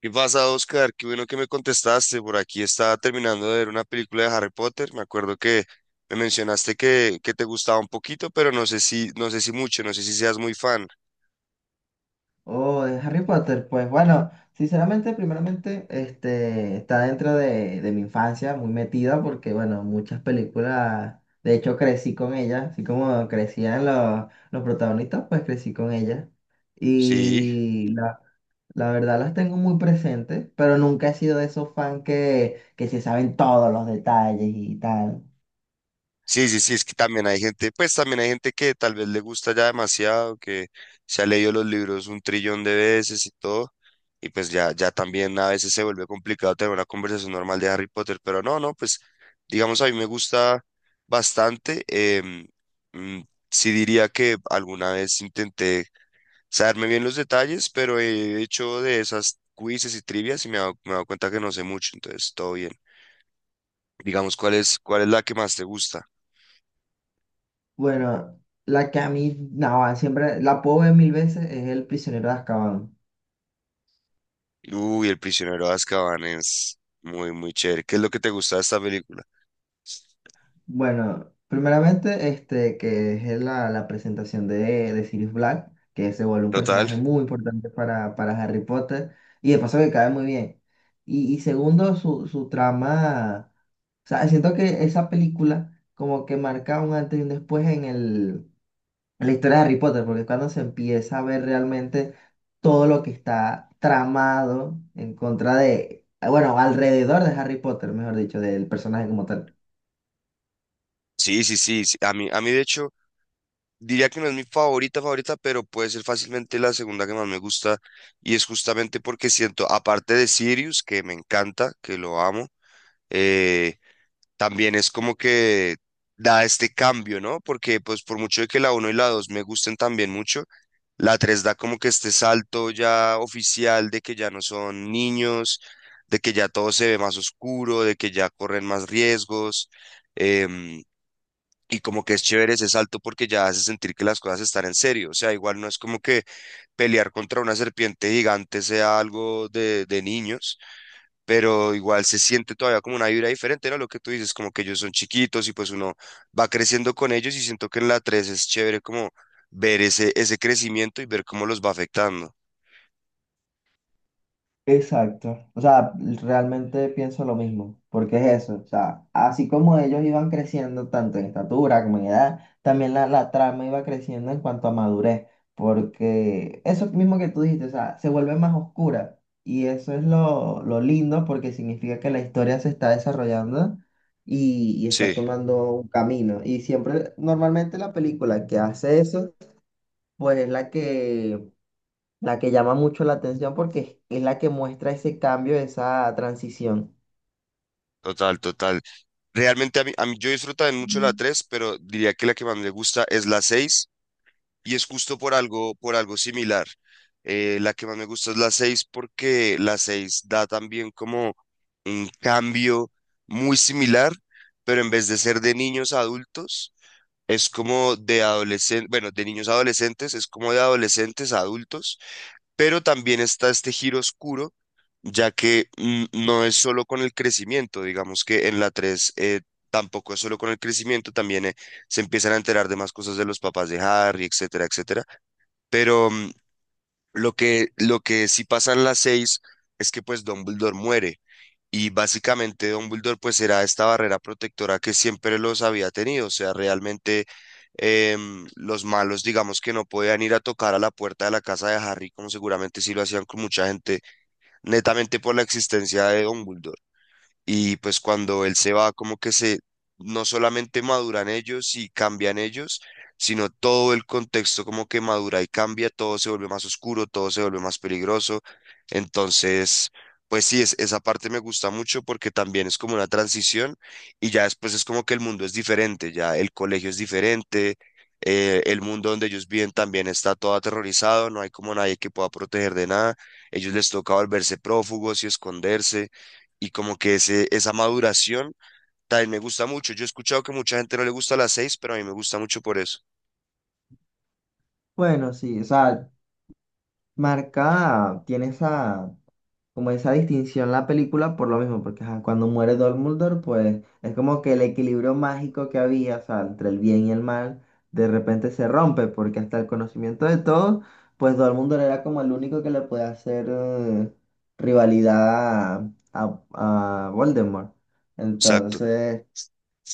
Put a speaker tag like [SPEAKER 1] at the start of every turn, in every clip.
[SPEAKER 1] ¿Qué pasa, Oscar? Qué bueno que me contestaste. Por aquí estaba terminando de ver una película de Harry Potter. Me acuerdo que me mencionaste que te gustaba un poquito, pero no sé si mucho, no sé si seas muy fan.
[SPEAKER 2] Oh, de Harry Potter, pues bueno, sinceramente, primeramente, está dentro de mi infancia, muy metida, porque bueno, muchas películas, de hecho crecí con ellas, así como crecían los protagonistas, pues crecí con ellas.
[SPEAKER 1] Sí.
[SPEAKER 2] Y la, la verdad las tengo muy presentes, pero nunca he sido de esos fans que se saben todos los detalles y tal.
[SPEAKER 1] Sí, sí, sí, es que también hay gente, pues también hay gente que tal vez le gusta ya demasiado, que se ha leído los libros un trillón de veces y todo, y pues ya también a veces se vuelve complicado tener una conversación normal de Harry Potter, pero no, no, pues digamos a mí me gusta bastante, mm, sí diría que alguna vez intenté saberme bien los detalles, pero he hecho de esas quizzes y trivias y me he dado cuenta que no sé mucho, entonces todo bien. Digamos, ¿cuál es la que más te gusta?
[SPEAKER 2] Bueno, la que a mí, no, siempre la puedo ver mil veces es El prisionero de Azkaban.
[SPEAKER 1] Uy, El prisionero de Azkaban es muy, muy chévere. ¿Qué es lo que te gusta de esta película?
[SPEAKER 2] Bueno, primeramente, que es la presentación de Sirius Black, que se vuelve un
[SPEAKER 1] Total.
[SPEAKER 2] personaje muy importante para Harry Potter, y de paso que cae muy bien. Y segundo, su trama, o sea, siento que esa película como que marca un antes y un después en el, en la historia de Harry Potter, porque es cuando se empieza a ver realmente todo lo que está tramado en contra de, bueno, alrededor de Harry Potter, mejor dicho, del personaje como tal.
[SPEAKER 1] Sí, sí, sí, sí. A mí, de hecho, diría que no es mi favorita, favorita, pero puede ser fácilmente la segunda que más me gusta. Y es justamente porque siento, aparte de Sirius, que me encanta, que lo amo, eh, también es como que da este cambio, ¿no? Porque pues por mucho de que la uno y la 2 me gusten también mucho, la 3 da como que este salto ya oficial de que ya no son niños, de que ya todo se ve más oscuro, de que ya corren más riesgos. em, y como que es chévere ese salto porque ya hace sentir que las cosas están en serio. O sea, igual no es como que pelear contra una serpiente gigante sea algo de niños, pero igual se siente todavía como una vibra diferente, ¿no? Lo que tú dices, como que ellos son chiquitos y pues uno va creciendo con ellos y siento que en la 3 es chévere como ver ese crecimiento y ver cómo los va afectando.
[SPEAKER 2] Exacto. O sea, realmente pienso lo mismo, porque es eso. O sea, así como ellos iban creciendo tanto en estatura como en edad, también la trama iba creciendo en cuanto a madurez, porque eso mismo que tú dijiste, o sea, se vuelve más oscura. Y eso es lo lindo porque significa que la historia se está desarrollando y está
[SPEAKER 1] Sí,
[SPEAKER 2] tomando un camino. Y siempre, normalmente la película que hace eso, pues es la que llama mucho la atención porque es la que muestra ese cambio, esa transición.
[SPEAKER 1] total, total. Realmente a mí yo disfruto también mucho la
[SPEAKER 2] Mm.
[SPEAKER 1] tres, pero diría que la que más me gusta es la seis, y es justo por algo, similar. La que más me gusta es la 6 porque la 6 da también como un cambio muy similar, pero en vez de ser de niños a adultos, es como de adolescentes, bueno, de niños a adolescentes, es como de adolescentes a adultos, pero también está este giro oscuro, ya que no es solo con el crecimiento, digamos que en la 3 tampoco es solo con el crecimiento, también se empiezan a enterar de más cosas de los papás de Harry, etcétera, etcétera. Pero lo que sí pasa en las seis es que pues Dumbledore muere, y básicamente Dumbledore pues era esta barrera protectora que siempre los había tenido. O sea, realmente los malos digamos que no podían ir a tocar a la puerta de la casa de Harry, como seguramente sí lo hacían con mucha gente, netamente por la existencia de Dumbledore. Y pues cuando él se va, como que no solamente maduran ellos y cambian ellos, sino todo el contexto como que madura y cambia, todo se vuelve más oscuro, todo se vuelve más peligroso. Entonces, pues sí, esa parte me gusta mucho porque también es como una transición, y ya después es como que el mundo es diferente, ya el colegio es diferente, el mundo donde ellos viven también está todo aterrorizado, no hay como nadie que pueda proteger de nada, ellos les toca volverse prófugos y esconderse, y como que esa maduración también me gusta mucho. Yo he escuchado que mucha gente no le gusta las seis, pero a mí me gusta mucho por eso.
[SPEAKER 2] Bueno, sí, o sea, marca, tiene esa, como esa distinción la película por lo mismo, porque ajá, cuando muere Dumbledore, pues es como que el equilibrio mágico que había, o sea, entre el bien y el mal, de repente se rompe, porque hasta el conocimiento de todos, pues Dumbledore era como el único que le puede hacer rivalidad a, a Voldemort.
[SPEAKER 1] Exacto.
[SPEAKER 2] Entonces...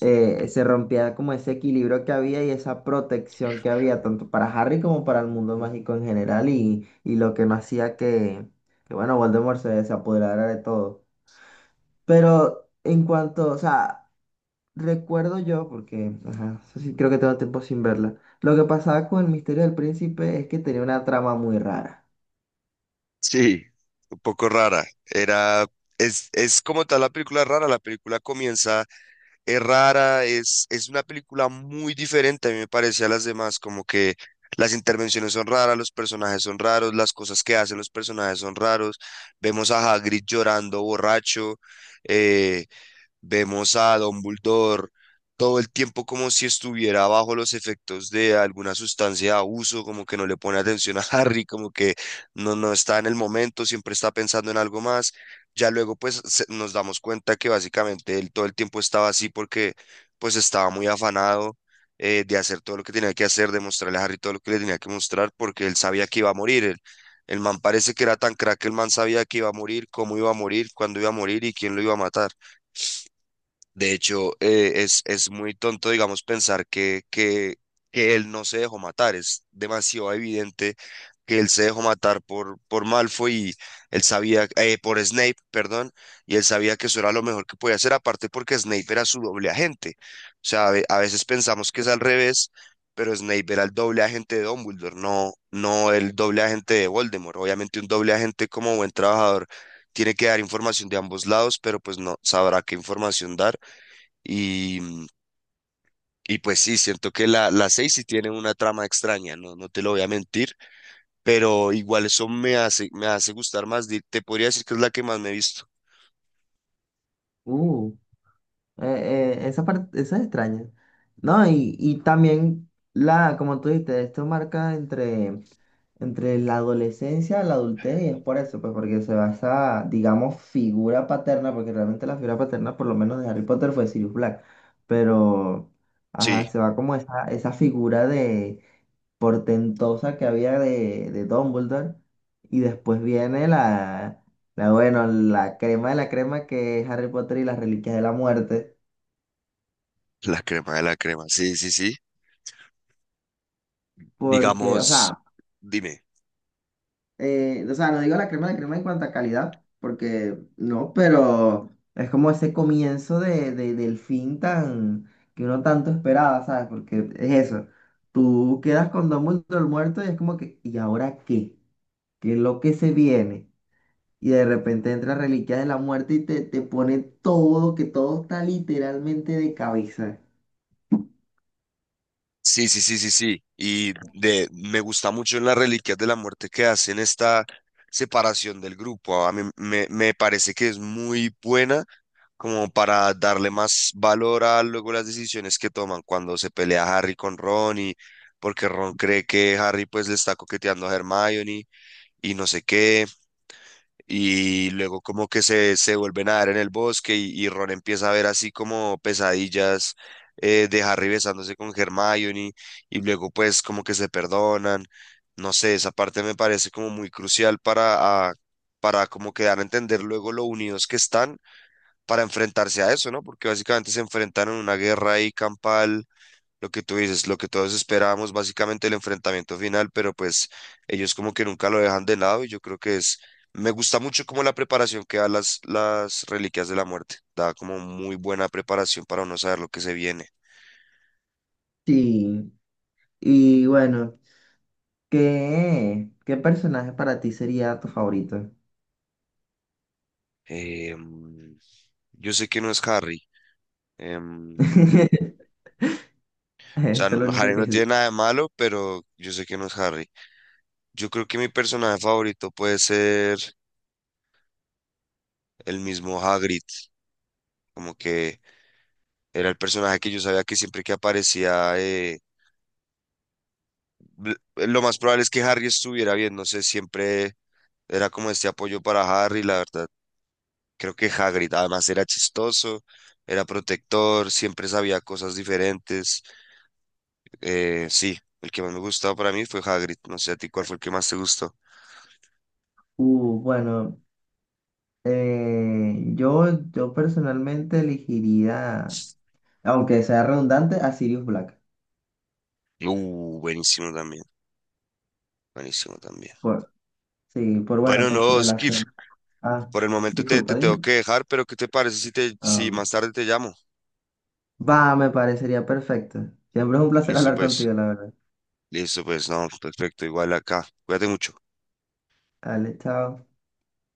[SPEAKER 2] se rompía como ese equilibrio que había y esa protección que había tanto para Harry como para el mundo mágico en general y lo que no hacía bueno, se apoderara de todo. Pero en cuanto, o sea, recuerdo yo, porque ajá, eso sí creo que tengo tiempo sin verla, lo que pasaba con el misterio del príncipe es que tenía una trama muy rara.
[SPEAKER 1] Sí, un poco rara. Es como tal la película rara. La película comienza, es rara, es una película muy diferente, a mí me parece, a las demás, como que las intervenciones son raras, los personajes son raros, las cosas que hacen los personajes son raros. Vemos a Hagrid llorando borracho. eh, Vemos a Dumbledore todo el tiempo como si estuviera bajo los efectos de alguna sustancia de abuso, como que no le pone atención a Harry, como que no está en el momento, siempre está pensando en algo más. Ya luego pues nos damos cuenta que básicamente él todo el tiempo estaba así porque pues estaba muy afanado, de hacer todo lo que tenía que hacer, de mostrarle a Harry todo lo que le tenía que mostrar porque él sabía que iba a morir. El man parece que era tan crack que el man sabía que iba a morir, cómo iba a morir, cuándo iba a morir y quién lo iba a matar. De hecho, es muy tonto, digamos, pensar que él no se dejó matar. Es demasiado evidente que él se dejó matar por, Malfoy, y él sabía, por Snape, perdón, y él sabía que eso era lo mejor que podía hacer, aparte porque Snape era su doble agente. O sea, a veces pensamos que es al revés, pero Snape era el doble agente de Dumbledore, no el doble agente de Voldemort. Obviamente un doble agente, como buen trabajador, tiene que dar información de ambos lados, pero pues no sabrá qué información dar. Y, mm, y pues sí, siento que la, 6 sí tiene una trama extraña, no te lo voy a mentir, pero igual eso me hace gustar más. Te podría decir que es la que más me he visto.
[SPEAKER 2] Uh. Esa parte, esa es extraña. No, y también la, como tú dijiste, esto marca entre la adolescencia y la adultez, y es por eso, pues porque se basa, digamos, figura paterna, porque realmente la figura paterna, por lo menos de Harry Potter, fue Sirius Black. Pero, ajá,
[SPEAKER 1] Sí,
[SPEAKER 2] se va como esa figura de portentosa que había de Dumbledore, y después viene la, bueno, la crema de la crema que es Harry Potter y las Reliquias de la Muerte.
[SPEAKER 1] la crema de la crema, sí, sí, sí.
[SPEAKER 2] Porque,
[SPEAKER 1] Digamos, dime.
[SPEAKER 2] o sea, no digo la crema de crema en cuanto a calidad, porque no, pero es como ese comienzo del fin tan que uno tanto esperaba, ¿sabes? Porque es eso. Tú quedas con Dumbledore muerto y es como que, ¿y ahora qué? ¿Qué es lo que se viene? Y de repente entra Reliquias de la Muerte y te pone todo, que todo está literalmente de cabeza.
[SPEAKER 1] Sí, sí, sí, sí, sí. Y de, me gusta mucho en las Reliquias de la Muerte que hacen esta separación del grupo. A mí me parece que es muy buena como para darle más valor a luego las decisiones que toman cuando se pelea Harry con Ron, y porque Ron cree que Harry pues le está coqueteando a Hermione y no sé qué, y luego como que se vuelven a ver en el bosque, y Ron empieza a ver así como pesadillas, de Harry besándose con Hermione, y luego pues como que se perdonan. No sé, esa parte me parece como muy crucial para, ah, para como que dar a entender luego lo unidos que están para enfrentarse a eso, ¿no? Porque básicamente se enfrentaron a una guerra ahí campal, lo que tú dices, lo que todos esperábamos, básicamente el enfrentamiento final, pero pues ellos como que nunca lo dejan de lado, y yo creo que es, me gusta mucho como la preparación que da las, Reliquias de la Muerte, da como muy buena preparación para uno saber lo que se viene.
[SPEAKER 2] Sí. Y bueno, ¿qué personaje para ti sería tu favorito?
[SPEAKER 1] Em, yo sé que no es Harry. em,
[SPEAKER 2] Eso
[SPEAKER 1] o sea,
[SPEAKER 2] es lo
[SPEAKER 1] no,
[SPEAKER 2] único
[SPEAKER 1] Harry
[SPEAKER 2] que
[SPEAKER 1] no
[SPEAKER 2] es.
[SPEAKER 1] tiene nada de malo, pero yo sé que no es Harry. Yo creo que mi personaje favorito puede ser el mismo Hagrid. Como que era el personaje que yo sabía que siempre que aparecía, lo más probable es que Harry estuviera bien, no sé, siempre era como este apoyo para Harry, la verdad. Creo que Hagrid además era chistoso, era protector, siempre sabía cosas diferentes. Sí, el que más me gustaba para mí fue Hagrid, no sé a ti cuál fue el que más te gustó.
[SPEAKER 2] Bueno, yo personalmente elegiría, aunque sea redundante, a Sirius Black.
[SPEAKER 1] Buenísimo también, buenísimo también.
[SPEAKER 2] Por, sí, por bueno,
[SPEAKER 1] Bueno,
[SPEAKER 2] por su
[SPEAKER 1] no, Skip,
[SPEAKER 2] relación. Ah,
[SPEAKER 1] por el momento te,
[SPEAKER 2] disculpa,
[SPEAKER 1] te tengo
[SPEAKER 2] dime.
[SPEAKER 1] que dejar, pero ¿qué te parece si, si
[SPEAKER 2] Ah,
[SPEAKER 1] más tarde te llamo?
[SPEAKER 2] va, me parecería perfecto. Siempre es un placer
[SPEAKER 1] Listo,
[SPEAKER 2] hablar
[SPEAKER 1] pues.
[SPEAKER 2] contigo, la verdad.
[SPEAKER 1] Listo, pues no, perfecto, igual acá. Cuídate mucho.
[SPEAKER 2] Dale, chao.